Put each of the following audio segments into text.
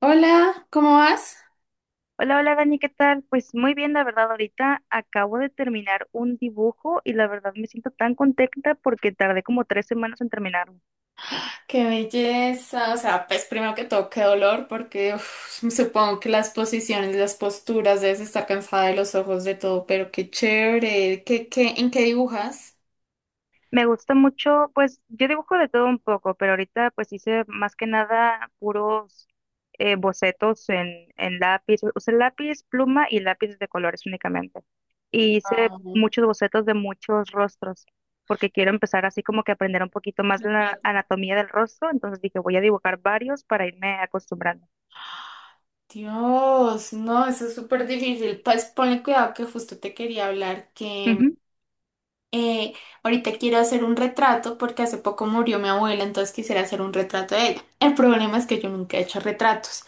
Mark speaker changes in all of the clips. Speaker 1: Hola, ¿cómo vas?
Speaker 2: Hola, hola Dani, ¿qué tal? Pues muy bien, la verdad, ahorita acabo de terminar un dibujo y la verdad me siento tan contenta porque tardé como 3 semanas en terminarlo.
Speaker 1: Qué belleza, o sea, pues primero que todo, qué dolor, porque supongo que las posiciones, las posturas, debes estar cansada de los ojos, de todo, pero qué chévere. En qué dibujas?
Speaker 2: Me gusta mucho, pues yo dibujo de todo un poco, pero ahorita pues hice más que nada puros bocetos en lápiz, usé lápiz, pluma y lápiz de colores únicamente. Y hice
Speaker 1: Ah,
Speaker 2: muchos bocetos de muchos rostros porque quiero empezar así como que aprender un poquito más la
Speaker 1: retrato.
Speaker 2: anatomía del rostro, entonces dije voy a dibujar varios para irme acostumbrando.
Speaker 1: Dios, no, eso es súper difícil, pues ponle cuidado que justo te quería hablar, que
Speaker 2: Ujú.
Speaker 1: eh, ahorita quiero hacer un retrato porque hace poco murió mi abuela, entonces quisiera hacer un retrato de ella. El problema es que yo nunca he hecho retratos.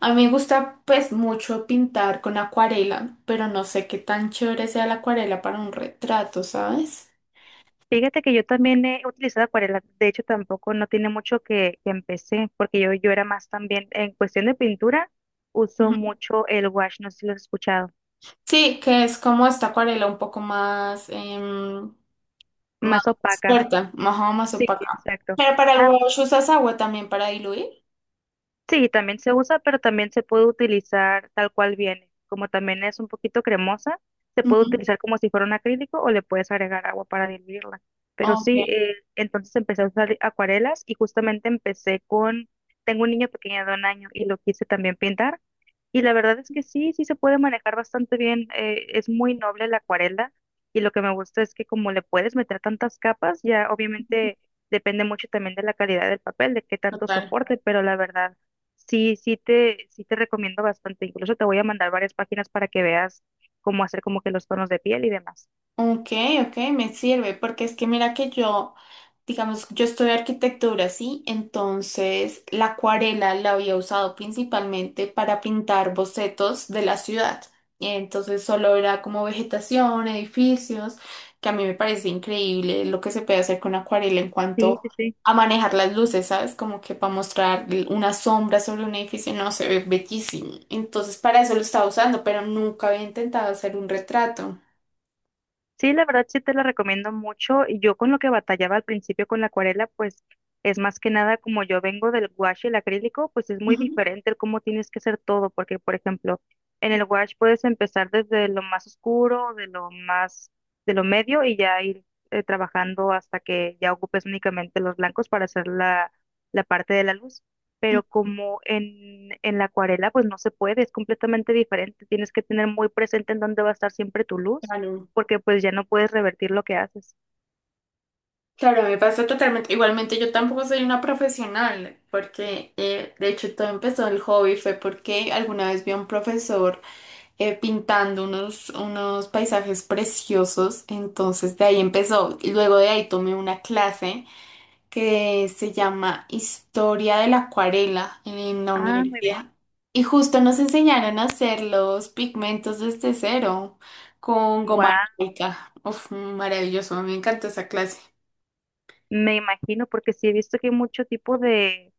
Speaker 1: A mí me gusta pues mucho pintar con acuarela, pero no sé qué tan chévere sea la acuarela para un retrato, ¿sabes?
Speaker 2: Fíjate que yo también he utilizado acuarela, de hecho tampoco no tiene mucho que empecé, porque yo era más también, en cuestión de pintura, uso
Speaker 1: Ujú.
Speaker 2: mucho el wash, ¿no sé si lo has escuchado?
Speaker 1: Sí, que es como esta acuarela un poco más, más
Speaker 2: Más opaca,
Speaker 1: fuerte, más, más
Speaker 2: sí,
Speaker 1: opaca.
Speaker 2: exacto.
Speaker 1: Pero para el
Speaker 2: Ah,
Speaker 1: wash usas agua también para diluir.
Speaker 2: sí, también se usa, pero también se puede utilizar tal cual viene. Como también es un poquito cremosa, se puede
Speaker 1: Ujú.
Speaker 2: utilizar como si fuera un acrílico o le puedes agregar agua para diluirla. Pero
Speaker 1: Ok,
Speaker 2: sí, entonces empecé a usar acuarelas y justamente empecé con, tengo un niño pequeño de 1 año y lo quise también pintar. Y la verdad es que sí, sí se puede manejar bastante bien. Es muy noble la acuarela y lo que me gusta es que como le puedes meter tantas capas, ya obviamente depende mucho también de la calidad del papel, de qué tanto
Speaker 1: total.
Speaker 2: soporte, pero la verdad sí, sí te recomiendo bastante. Incluso te voy a mandar varias páginas para que veas cómo hacer como que los tonos de piel y demás.
Speaker 1: Ok, ok, me sirve, porque es que mira que yo, digamos, yo estudio arquitectura, ¿sí? Entonces la acuarela la había usado principalmente para pintar bocetos de la ciudad. Y entonces solo era como vegetación, edificios, que a mí me parece increíble lo que se puede hacer con acuarela en
Speaker 2: Sí,
Speaker 1: cuanto
Speaker 2: sí, sí.
Speaker 1: a manejar las luces, ¿sabes? Como que para mostrar una sombra sobre un edificio, no, se ve bellísimo. Entonces para eso lo estaba usando, pero nunca había intentado hacer un retrato.
Speaker 2: Sí, la verdad sí te la recomiendo mucho. Y yo con lo que batallaba al principio con la acuarela, pues es más que nada como yo vengo del gouache y el acrílico, pues es muy
Speaker 1: Ujú.
Speaker 2: diferente el cómo tienes que hacer todo, porque por ejemplo, en el gouache puedes empezar desde lo más oscuro, de lo más, de lo medio y ya ir trabajando hasta que ya ocupes únicamente los blancos para hacer la parte de la luz. Pero como en la acuarela, pues no se puede, es completamente diferente. Tienes que tener muy presente en dónde va a estar siempre tu luz
Speaker 1: Claro,
Speaker 2: porque pues ya no puedes revertir lo que haces.
Speaker 1: claro, me pasa totalmente. Igualmente, yo tampoco soy una profesional, porque de hecho todo empezó el hobby, fue porque alguna vez vi a un profesor pintando unos paisajes preciosos, entonces de ahí empezó. Y luego de ahí tomé una clase que se llama Historia de la Acuarela en la
Speaker 2: Ah, muy
Speaker 1: universidad.
Speaker 2: bien.
Speaker 1: Y justo nos enseñaron a hacer los pigmentos desde cero con goma
Speaker 2: Guau,
Speaker 1: arábica. Uf, maravilloso, me encantó esa clase.
Speaker 2: me imagino, porque sí he visto que hay mucho tipo de,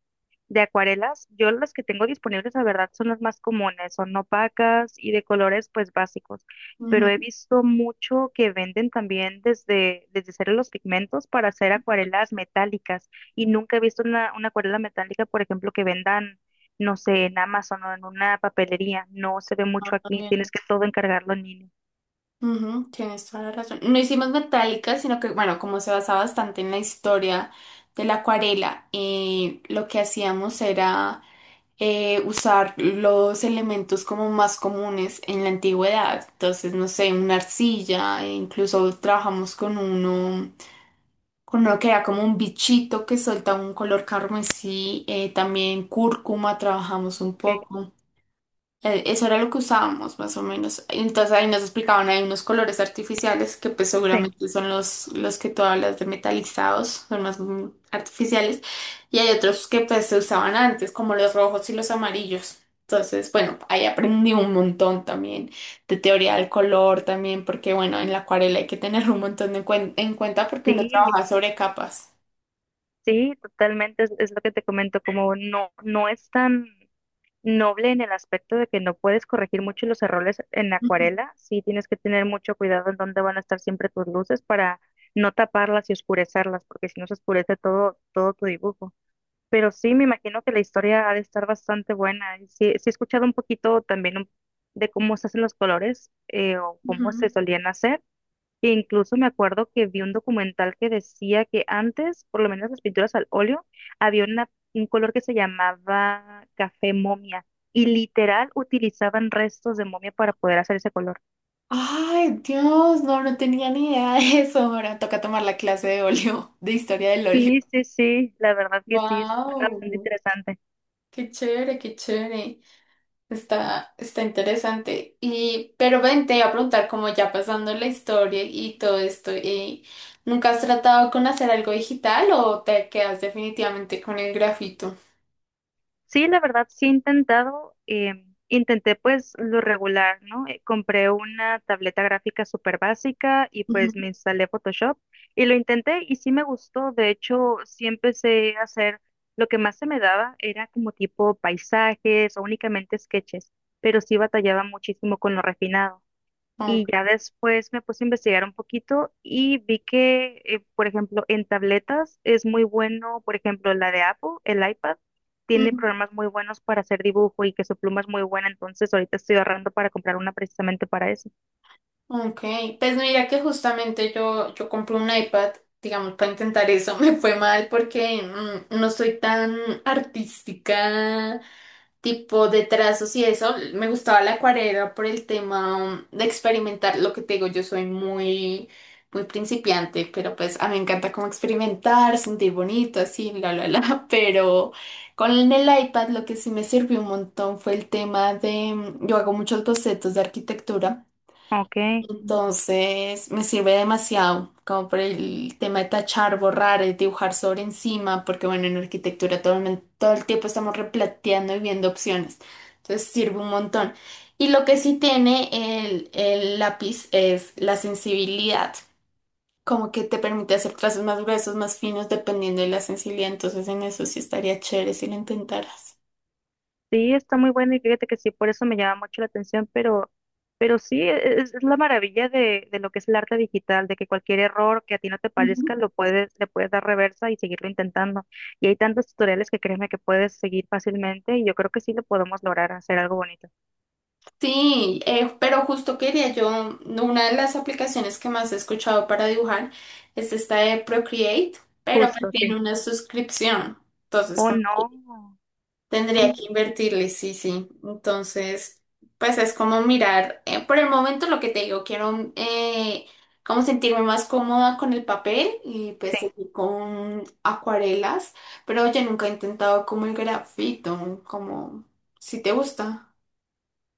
Speaker 2: de acuarelas. Yo las que tengo disponibles, la verdad, son las más comunes, son opacas y de colores pues básicos. Pero he
Speaker 1: Ujú.
Speaker 2: visto mucho que venden también desde, desde hacer los pigmentos para hacer acuarelas metálicas. Y nunca he visto una acuarela metálica, por ejemplo, que vendan, no sé, en Amazon o en una papelería. No se ve
Speaker 1: No,
Speaker 2: mucho aquí,
Speaker 1: también.
Speaker 2: tienes que todo encargarlo en línea.
Speaker 1: Ujú, tienes toda la razón. No hicimos metálica, sino que, bueno, como se basaba bastante en la historia de la acuarela, lo que hacíamos era usar los elementos como más comunes en la antigüedad. Entonces, no sé, una arcilla, e incluso trabajamos con uno que era como un bichito que solta un color carmesí, también cúrcuma, trabajamos un
Speaker 2: Ok,
Speaker 1: poco. Eso era lo que usábamos más o menos. Entonces ahí nos explicaban, hay unos colores artificiales que pues
Speaker 2: sí,
Speaker 1: seguramente son los que tú hablas de metalizados, son más artificiales, y hay otros que pues se usaban antes, como los rojos y los amarillos. Entonces, bueno, ahí aprendí un montón también de teoría del color también, porque bueno, en la acuarela hay que tener un montón de en cuenta porque uno trabaja
Speaker 2: sí,
Speaker 1: sobre capas.
Speaker 2: sí, totalmente, es lo que te comento, como no, no es tan noble en el aspecto de que no puedes corregir mucho los errores en la
Speaker 1: Ujú,
Speaker 2: acuarela, sí tienes que tener mucho cuidado en dónde van a estar siempre tus luces para no taparlas y oscurecerlas, porque si no se oscurece todo, todo tu dibujo. Pero sí, me imagino que la historia ha de estar bastante buena. Y sí, sí he escuchado un poquito también de cómo se hacen los colores o cómo se
Speaker 1: ujú.
Speaker 2: solían hacer, que incluso me acuerdo que vi un documental que decía que antes, por lo menos las pinturas al óleo, había un color que se llamaba café momia y literal utilizaban restos de momia para poder hacer ese color.
Speaker 1: Ay, Dios, no, no tenía ni idea de eso. Ahora toca tomar la clase de óleo, de historia del óleo.
Speaker 2: Sí, sí, sí, la verdad que sí, es bastante
Speaker 1: Wow,
Speaker 2: interesante.
Speaker 1: qué chévere, qué chévere. Está, está interesante. Y, pero ven, te iba a preguntar, como ya pasando la historia y todo esto, ¿nunca has tratado con hacer algo digital o te quedas definitivamente con el grafito?
Speaker 2: Sí, la verdad, sí he intentado. Intenté pues lo regular, ¿no? Compré una tableta gráfica súper básica y pues
Speaker 1: Ujú.
Speaker 2: me instalé Photoshop y lo intenté y sí me gustó. De hecho, sí empecé a hacer lo que más se me daba era como tipo paisajes o únicamente sketches, pero sí batallaba muchísimo con lo refinado.
Speaker 1: Ok.
Speaker 2: Y ya después me puse a investigar un poquito y vi que, por ejemplo, en, tabletas es muy bueno, por ejemplo, la de Apple, el iPad, tiene
Speaker 1: Mm.
Speaker 2: programas muy buenos para hacer dibujo y que su pluma es muy buena, entonces ahorita estoy ahorrando para comprar una precisamente para eso.
Speaker 1: Ok, pues mira que justamente yo, yo compré un iPad, digamos, para intentar eso, me fue mal porque no soy tan artística, tipo de trazos y eso, me gustaba la acuarela por el tema de experimentar, lo que te digo, yo soy muy, muy principiante, pero pues a mí me encanta como experimentar, sentir bonito, así, bla, bla, bla, pero con el iPad lo que sí me sirvió un montón fue el tema de, yo hago muchos bocetos de arquitectura.
Speaker 2: Ok.
Speaker 1: Entonces me sirve demasiado, como por el tema de tachar, borrar, dibujar sobre encima, porque bueno, en arquitectura todo el, todo el tiempo estamos replanteando y viendo opciones. Entonces sirve un montón. Y lo que sí tiene el lápiz es la sensibilidad, como que te permite hacer trazos más gruesos, más finos, dependiendo de la sensibilidad. Entonces en eso sí estaría chévere si lo intentaras.
Speaker 2: Sí, está muy buena y fíjate que sí, por eso me llama mucho la atención, pero sí, es la maravilla de lo que es el arte digital, de que cualquier error que a ti no te parezca, lo puedes, le puedes dar reversa y seguirlo intentando. Y hay tantos tutoriales que créeme que puedes seguir fácilmente y yo creo que sí lo podemos lograr hacer algo bonito.
Speaker 1: Sí, pero justo quería yo, una de las aplicaciones que más he escuchado para dibujar es esta de Procreate, pero pues
Speaker 2: Justo,
Speaker 1: tiene
Speaker 2: sí.
Speaker 1: una suscripción, entonces
Speaker 2: Oh,
Speaker 1: como que
Speaker 2: no.
Speaker 1: tendría que invertirle, sí, sí, entonces pues es como mirar, por el momento lo que te digo, quiero como sentirme más cómoda con el papel y
Speaker 2: Sí.
Speaker 1: pues seguir con acuarelas, pero yo nunca he intentado como el grafito, como si te gusta.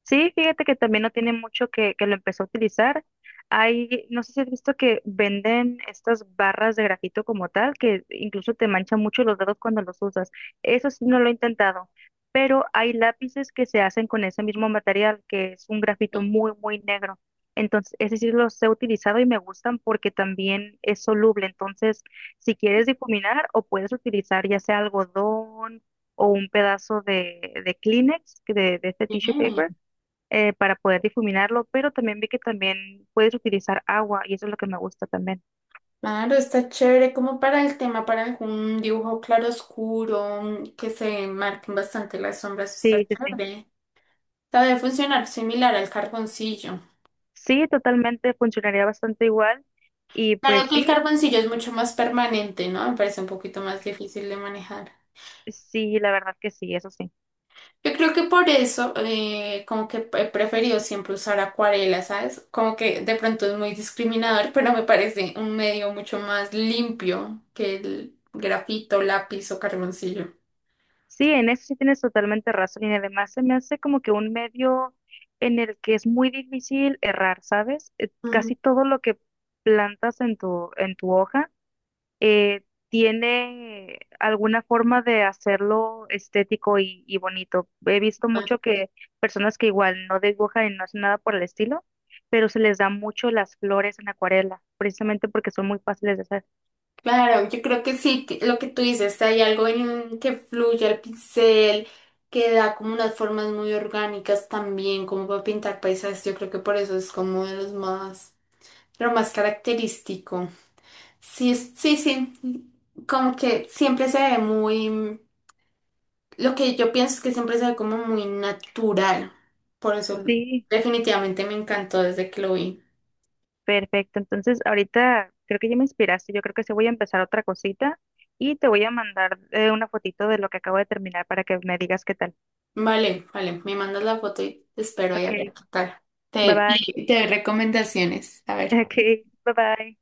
Speaker 2: Sí, fíjate que también no tiene mucho que lo empezó a utilizar. Hay, no sé si has visto que venden estas barras de grafito como tal, que incluso te manchan mucho los dedos cuando los usas. Eso sí no lo he intentado, pero hay lápices que se hacen con ese mismo material, que es un grafito muy, muy negro. Entonces, ese sí los he utilizado y me gustan porque también es soluble. Entonces, si quieres difuminar o puedes utilizar ya sea algodón o un pedazo de Kleenex, que de este tissue
Speaker 1: Bien.
Speaker 2: paper para poder difuminarlo, pero también vi que también puedes utilizar agua y eso es lo que me gusta también.
Speaker 1: Claro, está chévere como para el tema, para algún dibujo claroscuro que se marquen bastante las sombras, está
Speaker 2: Sí, sí, sí.
Speaker 1: chévere. Sabe funcionar similar al carboncillo.
Speaker 2: Sí, totalmente funcionaría bastante igual y
Speaker 1: Claro
Speaker 2: pues
Speaker 1: que el
Speaker 2: sí,
Speaker 1: carboncillo es mucho más permanente, ¿no? Me parece un poquito más difícil de manejar.
Speaker 2: sí, la verdad que sí, eso sí.
Speaker 1: Yo creo que por eso, como que he preferido siempre usar acuarela, ¿sabes? Como que de pronto es muy discriminador, pero me parece un medio mucho más limpio que el grafito, lápiz o carboncillo.
Speaker 2: Sí, en eso sí tienes totalmente razón y además se me hace como que un medio en el que es muy difícil errar, ¿sabes?
Speaker 1: Ujú.
Speaker 2: Casi todo lo que plantas en tu hoja eh, tiene alguna forma de hacerlo estético y bonito. He visto mucho que personas que igual no dibujan y no hacen nada por el estilo, pero se les da mucho las flores en acuarela, precisamente porque son muy fáciles de hacer.
Speaker 1: Claro, yo creo que sí, que lo que tú dices, hay algo en que fluye el pincel, que da como unas formas muy orgánicas también, como para pintar paisajes, yo creo que por eso es como de los más, lo más característico. Sí, sí, sí, como que siempre se ve muy, lo que yo pienso es que siempre se ve como muy natural, por eso
Speaker 2: Sí,
Speaker 1: definitivamente me encantó desde que lo vi.
Speaker 2: perfecto. Entonces, ahorita creo que ya me inspiraste. Yo creo que sí voy a empezar otra cosita y te voy a mandar una fotito de lo que acabo de terminar para que me digas qué tal.
Speaker 1: Vale, vale, me mandas la foto y te espero ahí a
Speaker 2: Ok,
Speaker 1: ver qué tal.
Speaker 2: bye
Speaker 1: Te,
Speaker 2: bye.
Speaker 1: te doy recomendaciones, a ver.
Speaker 2: Ok, bye bye.